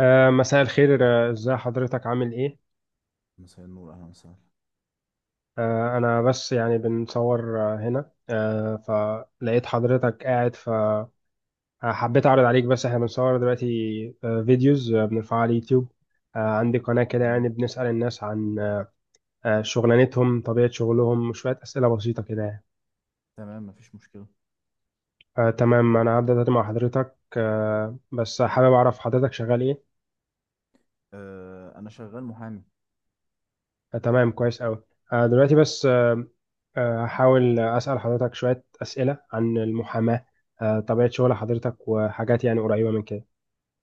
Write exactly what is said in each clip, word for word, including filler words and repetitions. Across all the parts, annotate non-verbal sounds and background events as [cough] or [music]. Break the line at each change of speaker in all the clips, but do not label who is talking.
آه، مساء الخير. آه، ازاي حضرتك، عامل ايه؟
مساء النور، اهلا وسهلا.
آه، انا بس يعني بنصور آه، هنا، آه، فلقيت حضرتك قاعد، فحبيت اعرض عليك، بس احنا بنصور دلوقتي آه، فيديوز آه، بنرفعها على اليوتيوب. آه، عندي قناة كده،
تمام.
يعني بنسأل الناس عن آه، آه، شغلانتهم، طبيعة شغلهم، شوية أسئلة بسيطة كده يعني.
تمام، مفيش مشكلة.
آه، تمام، انا هبدأ دلوقتي مع حضرتك، آه، بس حابب اعرف حضرتك شغال ايه.
آه أنا شغال محامي.
آه، تمام، كويس أوي. آه، دلوقتي بس آه، آه، هحاول أسأل حضرتك شوية أسئلة عن المحاماة، آه، طبيعة شغل حضرتك وحاجات يعني قريبة من كده.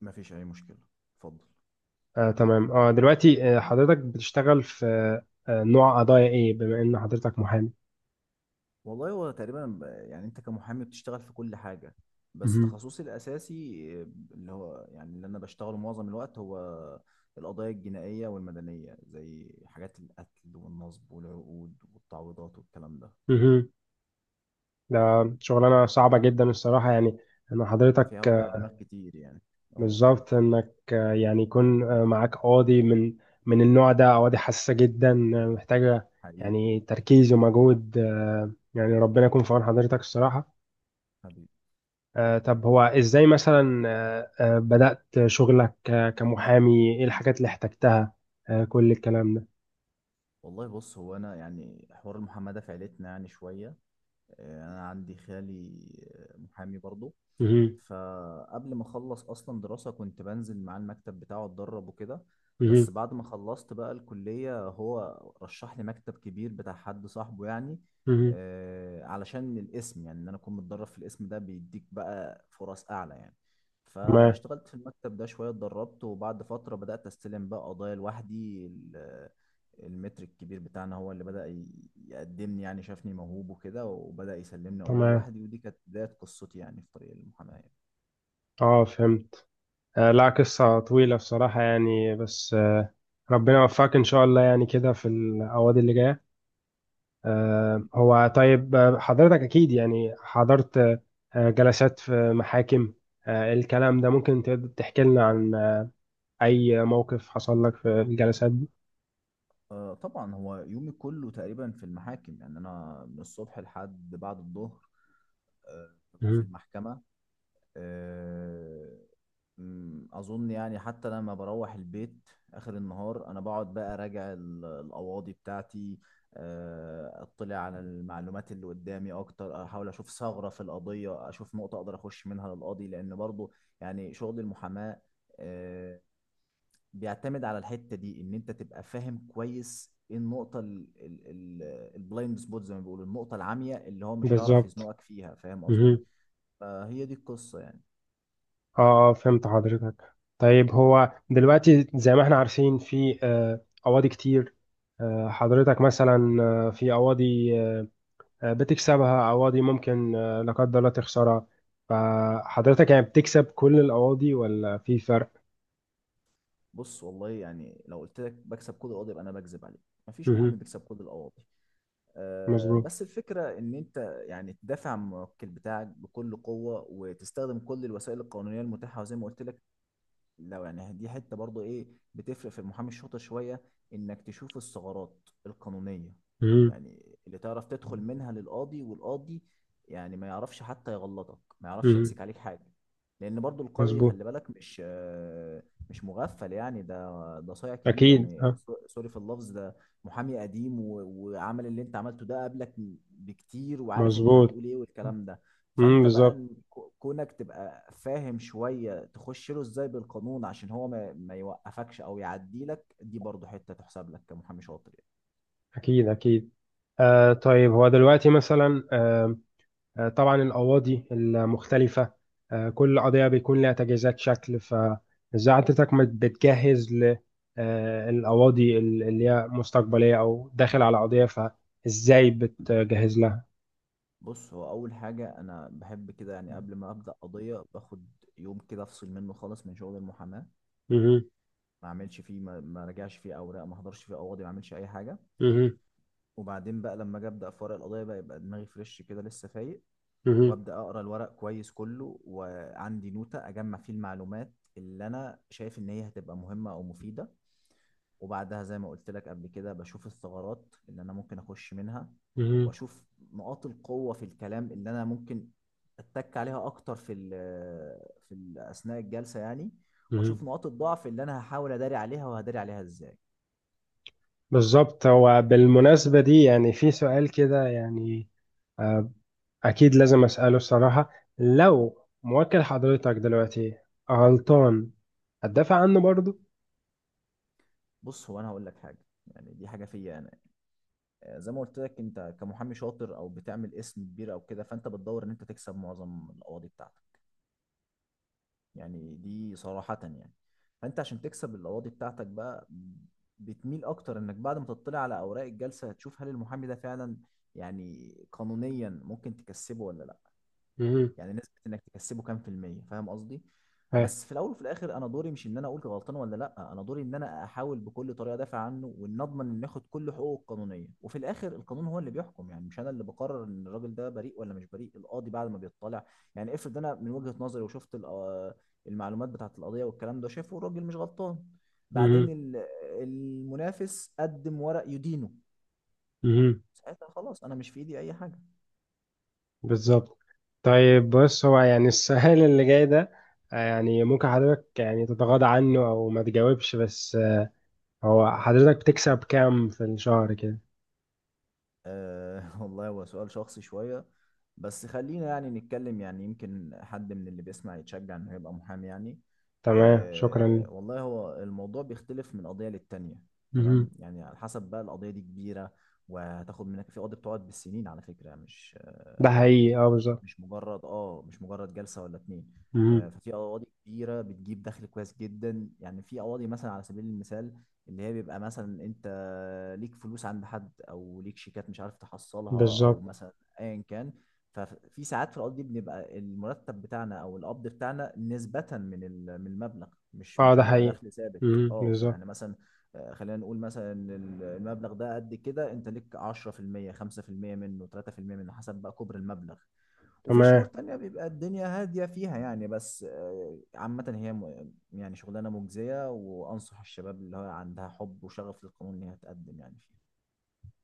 مفيش اي مشكله، اتفضل.
آه، تمام. اه دلوقتي آه، حضرتك بتشتغل في آه، نوع قضايا إيه، بما إن حضرتك محامي؟
والله هو تقريبا ب- يعني أنت كمحامي بتشتغل في كل حاجة، بس
مهم.
تخصصي الأساسي آه، اللي هو يعني اللي أنا بشتغله معظم الوقت هو القضايا الجنائية والمدنية، زي حاجات القتل والنصب والعقود والتعويضات والكلام ده.
مهم. ده شغلانة صعبة جدا الصراحة، يعني إن
فيها
حضرتك
وجع دماغ كتير يعني. اه.
بالظبط، انك آه، يعني يكون آه، معاك قاضي من من النوع ده، قواضي حساسة جدا آه، محتاجة
حقيقي.
يعني تركيز ومجهود، آه، يعني ربنا يكون في عون حضرتك الصراحة.
حبيبي.
آه، طب هو ازاي مثلا آه، آه، بدأت شغلك آه، كمحامي؟ ايه الحاجات اللي احتجتها آه، كل الكلام ده؟
والله بص، هو أنا يعني حوار المحاماة ده في عيلتنا يعني شوية. آه، انا عندي خالي آه، محامي برضه.
مهم.
فقبل ما اخلص اصلا دراسة كنت بنزل معاه المكتب بتاعه اتدرب وكده. بس
مهم.
بعد ما خلصت بقى الكلية هو رشح لي مكتب كبير بتاع حد صاحبه يعني،
مهم.
آه، علشان الاسم، يعني ان انا اكون متدرب في الاسم ده بيديك بقى فرص اعلى يعني.
تمام.
فاشتغلت في المكتب ده شوية، اتدربت، وبعد فترة بدأت استلم بقى قضايا لوحدي. المتر الكبير بتاعنا هو اللي بدأ ي- يقدمني، يعني شافني موهوب وكده وبدأ يسلمني قضايا
تمام.
لوحدي، ودي كانت بداية قصتي يعني في طريق المحاماة يعني.
اه، فهمت. آه، لا، قصة طويلة بصراحة يعني، بس آه، ربنا يوفقك ان شاء الله، يعني كده في القواضي اللي جاية. آه، هو طيب، آه، حضرتك أكيد يعني حضرت آه، جلسات في محاكم آه، الكلام ده، ممكن تقدر تحكي لنا عن آه، أي موقف حصل لك في الجلسات دي؟
آه طبعا هو يومي كله تقريبا في المحاكم، يعني أنا من الصبح لحد بعد الظهر آه ببقى في
مهم.
المحكمة. آه، مم، اظن يعني حتى لما بروح البيت اخر النهار انا بقعد بقى اراجع ال- القواضي بتاعتي، آه، اطلع على المعلومات اللي قدامي اكتر، احاول اشوف ثغرة في القضية، اشوف نقطة اقدر اخش منها للقاضي، لان برضو يعني شغل المحاماة آه، بيعتمد على الحتة دي، ان انت تبقى فاهم كويس ايه النقطة، البلايند سبوت زي ما بيقولوا، النقطة العمياء اللي هو مش هيعرف
بالظبط.
يزنقك فيها، فاهم قصدي؟
مهم.
فهي دي القصة يعني.
اه، آه، فهمت حضرتك. طيب، هو دلوقتي زي ما احنا عارفين في آه، قواضي كتير، آه، حضرتك مثلا آه، في قواضي آه، بتكسبها، قواضي ممكن آه، لا قدر الله تخسرها، فحضرتك يعني بتكسب كل القواضي، ولا في فرق؟
بص، والله يعني لو قلت لك بكسب كود القاضي يبقى انا بكذب عليك، مفيش محامي
مهم.
بيكسب كود القواضي. أه
مظبوط.
بس الفكره ان انت يعني تدافع عن الموكل بتاعك بكل قوه وتستخدم كل الوسائل القانونيه المتاحه. وزي ما قلت لك، لو يعني دي حتة برضو ايه، بتفرق في المحامي الشاطر شوية، انك تشوف الثغرات القانونية،
مم.
يعني اللي تعرف تدخل منها للقاضي، والقاضي يعني ما يعرفش حتى يغلطك، ما يعرفش
مم.
يمسك عليك حاجة. لان برضو القاضي
مظبوط.
خلي بالك، مش آه، مش مغفل يعني، ده ده صايع كبير
أكيد،
يعني،
ها.
سو- سوري في اللفظ ده، محامي قديم و- وعمل اللي انت عملته ده قبلك بكتير، وعارف انت
مظبوط.
هتقول ايه والكلام ده.
مم.
فانت بقى
بالظبط.
إن كو- كونك تبقى فاهم شوية تخش له ازاي بالقانون عشان هو ما, ما يوقفكش او يعديلك، دي برضو حتة تحسب لك كمحامي شاطر يعني.
أكيد، أكيد. آه طيب، هو دلوقتي مثلا آه آه، طبعا القواضي المختلفة، آه كل قضية بيكون لها تجهيزات شكل، فإزاي حضرتك مت- بتجهز ل آه القواضي ال- اللي هي مستقبلية، أو داخل على قضية، فإزاي بتجهز لها؟
بص، هو اول حاجة انا بحب كده يعني، قبل ما ابدأ قضية باخد يوم كده افصل منه خالص من شغل المحاماة،
مم.
ما اعملش فيه، ما, ما راجعش فيه اوراق، ما احضرش فيه قواضي، ما اعملش اي حاجة.
مم.
وبعدين بقى لما اجي ابدا في ورق القضيه بقى يبقى دماغي فريش كده، لسه فايق.
مم.
وابدا اقرا الورق كويس كله، وعندي نوتة اجمع فيه المعلومات اللي انا شايف ان هي هتبقى مهمة او مفيدة. وبعدها زي ما قلت لك قبل كده بشوف الثغرات اللي انا ممكن اخش منها،
مم.
واشوف نقاط القوة في الكلام اللي انا ممكن اتك عليها اكتر في ال في ال اثناء الجلسة يعني، واشوف
مم.
نقاط الضعف اللي انا هحاول اداري عليها، وهداري عليها ازاي.
بالظبط. هو بالمناسبة دي يعني في سؤال كده، يعني أكيد لازم أسأله الصراحة. لو موكل حضرتك دلوقتي غلطان، هتدافع عنه برضه؟
بص، هو انا هقول لك حاجة، يعني دي حاجة فيا انا. آه، زي ما قلت لك، انت كمحامي شاطر او بتعمل اسم كبير او كده، فانت بتدور ان انت تكسب معظم القواضي بتاعتك، يعني دي صراحة يعني. فانت عشان تكسب القواضي بتاعتك بقى، بتميل اكتر انك بعد ما تطلع على اوراق الجلسة هتشوف هل المحامي ده فعلا يعني قانونيا ممكن تكسبه ولا لا،
مهم.
يعني نسبة انك تكسبه كام في المية، فاهم قصدي؟
ها.
بس في الاول وفي الاخر، انا دوري مش ان انا اقول غلطان ولا لا، انا دوري ان انا احاول بكل طريقة ادافع عنه، وان اضمن ان ياخد كل حقوقه القانونية، وفي الاخر القانون هو اللي بيحكم يعني، مش انا اللي بقرر ان الراجل ده بريء ولا مش بريء. القاضي بعد ما بيطلع، يعني افرض انا من وجهة نظري وشفت الق- المعلومات بتاعت القضية والكلام ده، شافه الراجل مش غلطان، بعدين
مهم.
ال- المنافس قدم ورق يدينه،
مهم.
ساعتها خلاص انا مش في ايدي اي حاجة.
بالظبط. طيب بص، هو يعني السؤال [laughs] اللي جاي ده آه، يعني ممكن حضرتك يعني تتغاضى عنه أو ما تجاوبش، بس آه، هو حضرتك بتكسب كام في الشهر كده؟
أه [laughs] والله هو سؤال شخصي شوية، بس خلينا يعني نتكلم، يعني يمكن حد من اللي بيسمع يتشجع انه يبقى محامي يعني.
تمام، شكرا لي.
أه والله هو الموضوع بيختلف من قضية للتانية. تمام،
مهم.
يعني على حسب بقى، القضية دي كبيرة وهتاخد منك، في قضية بتقعد بالسنين على فكرة، مش
ده حقيقي، اه، بالظبط.
مش مجرد اه مش مجرد جلسه ولا اتنين.
مهم.
آه، ففي قواضي كبيره بتجيب دخل كويس جدا يعني. في قواضي مثلا، على سبيل المثال، اللي هي بيبقى مثلا انت ليك فلوس عند حد، او ليك شيكات مش عارف تحصلها، او
بالظبط.
مثلا ايا كان، ففي ساعات في القضية دي بنبقى المرتب بتاعنا او القبض بتاعنا نسبة من ال- من المبلغ، مش
اه،
مش
ده
بيبقى
حقيقي.
دخل ثابت.
مهم.
اه
بالظبط.
فيعني مثلا، آه، خلينا نقول مثلا ال- المبلغ ده قد كده، انت ليك عشرة في المية خمسة في المية منه، ثلاثة في المية منه، حسب بقى كبر المبلغ. وفي شهور
تمام.
تانية بيبقى الدنيا هادية فيها يعني. بس آه، عامة هي م- يعني شغلانة مجزية، وأنصح الشباب اللي هو عندها حب وشغف للقانون إن هي تقدم يعني فيها.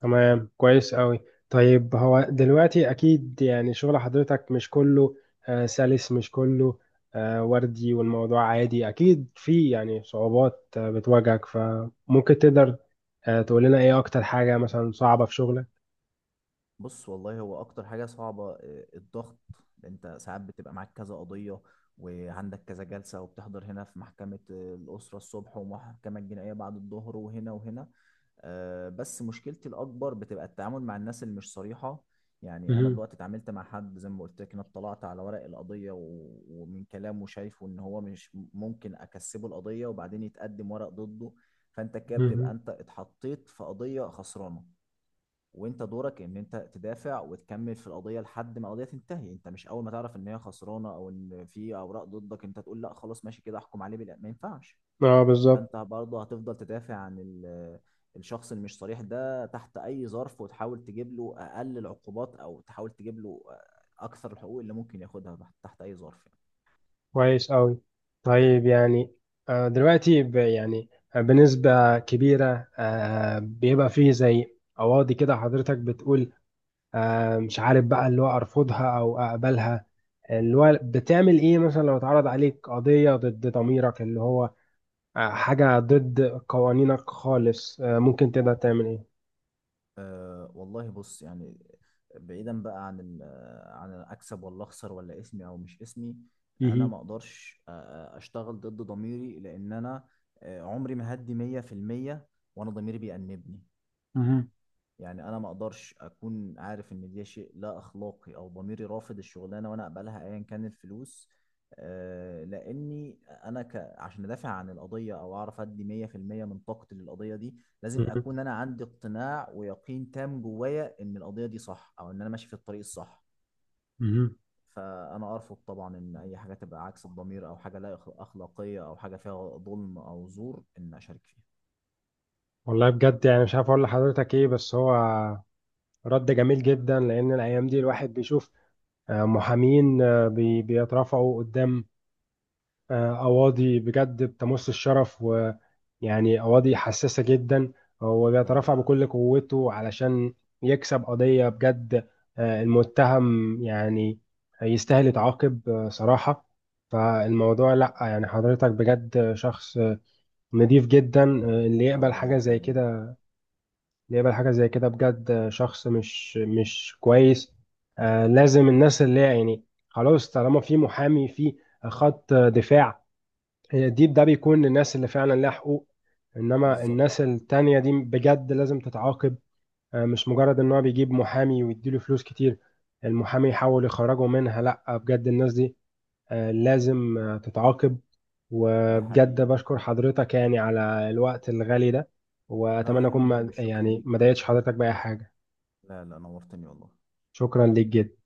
تمام، كويس قوي. طيب هو دلوقتي اكيد يعني شغل حضرتك مش كله آه، سلس، مش كله آه، وردي، والموضوع عادي، اكيد في يعني صعوبات آه، بتواجهك، فممكن تقدر آه، تقول لنا ايه اكتر حاجة مثلا صعبة في شغلك؟
بص، والله هو اكتر حاجة صعبة آه، الضغط. انت ساعات بتبقى معاك كذا قضية وعندك كذا جلسة، وبتحضر هنا في محكمة آه، الأسرة الصبح، ومحكمة الجنائية بعد الظهر، وهنا وهنا. آه، بس مشكلتي الأكبر بتبقى التعامل مع الناس اللي مش صريحة. يعني أنا
مهم.
دلوقتي اتعاملت مع حد زي ما قلت لك، أنا اطلعت على ورق القضية و- ومن كلامه شايفه إن هو مش ممكن أكسبه القضية، وبعدين يتقدم ورق ضده، فأنت كده بتبقى
مهم.
أنت اتحطيت في قضية خسرانة. وانت دورك ان انت تدافع وتكمل في القضيه لحد ما القضيه تنتهي، انت مش اول ما تعرف ان هي خسرانه او ان في اوراق ضدك انت تقول لا خلاص ماشي كده احكم عليه بالإعدام. ما ينفعش.
اه،
فانت
بالظبط.
برضه هتفضل تدافع عن ال- الشخص اللي مش صريح ده تحت اي ظرف، وتحاول تجيب له اقل العقوبات، او تحاول تجيب له اكثر الحقوق اللي ممكن ياخدها تحت تحت اي ظرف.
كويس قوي. طيب يعني آه، دلوقتي ب- يعني آه، بنسبة كبيرة آه، بيبقى فيه زي قواضي كده حضرتك بتقول آه، مش عارف بقى، اللي هو ارفضها او اقبلها. اللي هو بتعمل ايه مثلا لو اتعرض عليك قضية ضد ضميرك، اللي هو آه، حاجة ضد قوانينك خالص؟ آه، ممكن تقدر تعمل ايه؟
أه والله بص يعني، بعيدا بقى عن ال- عن اكسب ولا اخسر ولا اسمي او مش اسمي، انا
مهم.
ما اقدرش آه، آه، اشتغل ضد ضميري، لان انا آه، عمري ما هدي مية في المية وانا ضميري بيأنبني.
مهم.
يعني انا ما اقدرش اكون عارف ان ده شيء لا اخلاقي او ضميري رافض الشغلانه وانا اقبلها ايا كان الفلوس، آه، لاني انا ك... عشان ادافع عن القضيه او اعرف ادي مية في المية من طاقتي للقضيه دي، لازم
مهم.
اكون انا عندي اقتناع ويقين تام جوايا ان القضيه دي صح، او ان انا ماشي في الطريق الصح.
مهم.
فانا ارفض طبعا ان اي حاجه تبقى عكس الضمير، او حاجه لا أخ- اخلاقيه، او حاجه فيها ظلم او زور ان اشارك فيها.
والله بجد يعني مش عارف اقول لحضرتك ايه، بس هو رد جميل جدا، لان الايام دي الواحد بيشوف آه، محامين آه، بي- بيترفعوا قدام آه، أواضي بجد بتمس الشرف، ويعني أواضي حساسة جدا، هو
لا،
بيترفع
لا، لا.
بكل قوته علشان يكسب قضية بجد، آه، المتهم يعني يستاهل يتعاقب آه، صراحة. فالموضوع لأ، يعني حضرتك بجد شخص آه، نضيف جدا آه، اللي يقبل
ربنا
حاجة زي
يخليك.
كده. اللي يقبل حاجة زي كده بجد آه، شخص مش مش كويس. آه، لازم الناس اللي هي يعني خلاص، طالما في محامي، في خط دفاع، هي الديب ده بيكون للناس اللي فعلا لها حقوق. انما
بالظبط.
الناس التانية دي بجد لازم تتعاقب. آه، مش مجرد ان هو بيجيب محامي ويديله فلوس كتير، المحامي يحاول يخرجه منها، لا بجد الناس دي آه، لازم آه، تتعاقب.
ده
وبجد
حقيقي.
بشكر حضرتك يعني على الوقت الغالي ده،
لا،
واتمنى
ولا
اكون
يهمك، عيب،
ما
الشكر
يعني، ما
ليك.
ضايقتش حضرتك بأي حاجة.
لا، لا، نورتني والله.
شكرا ليك جدا.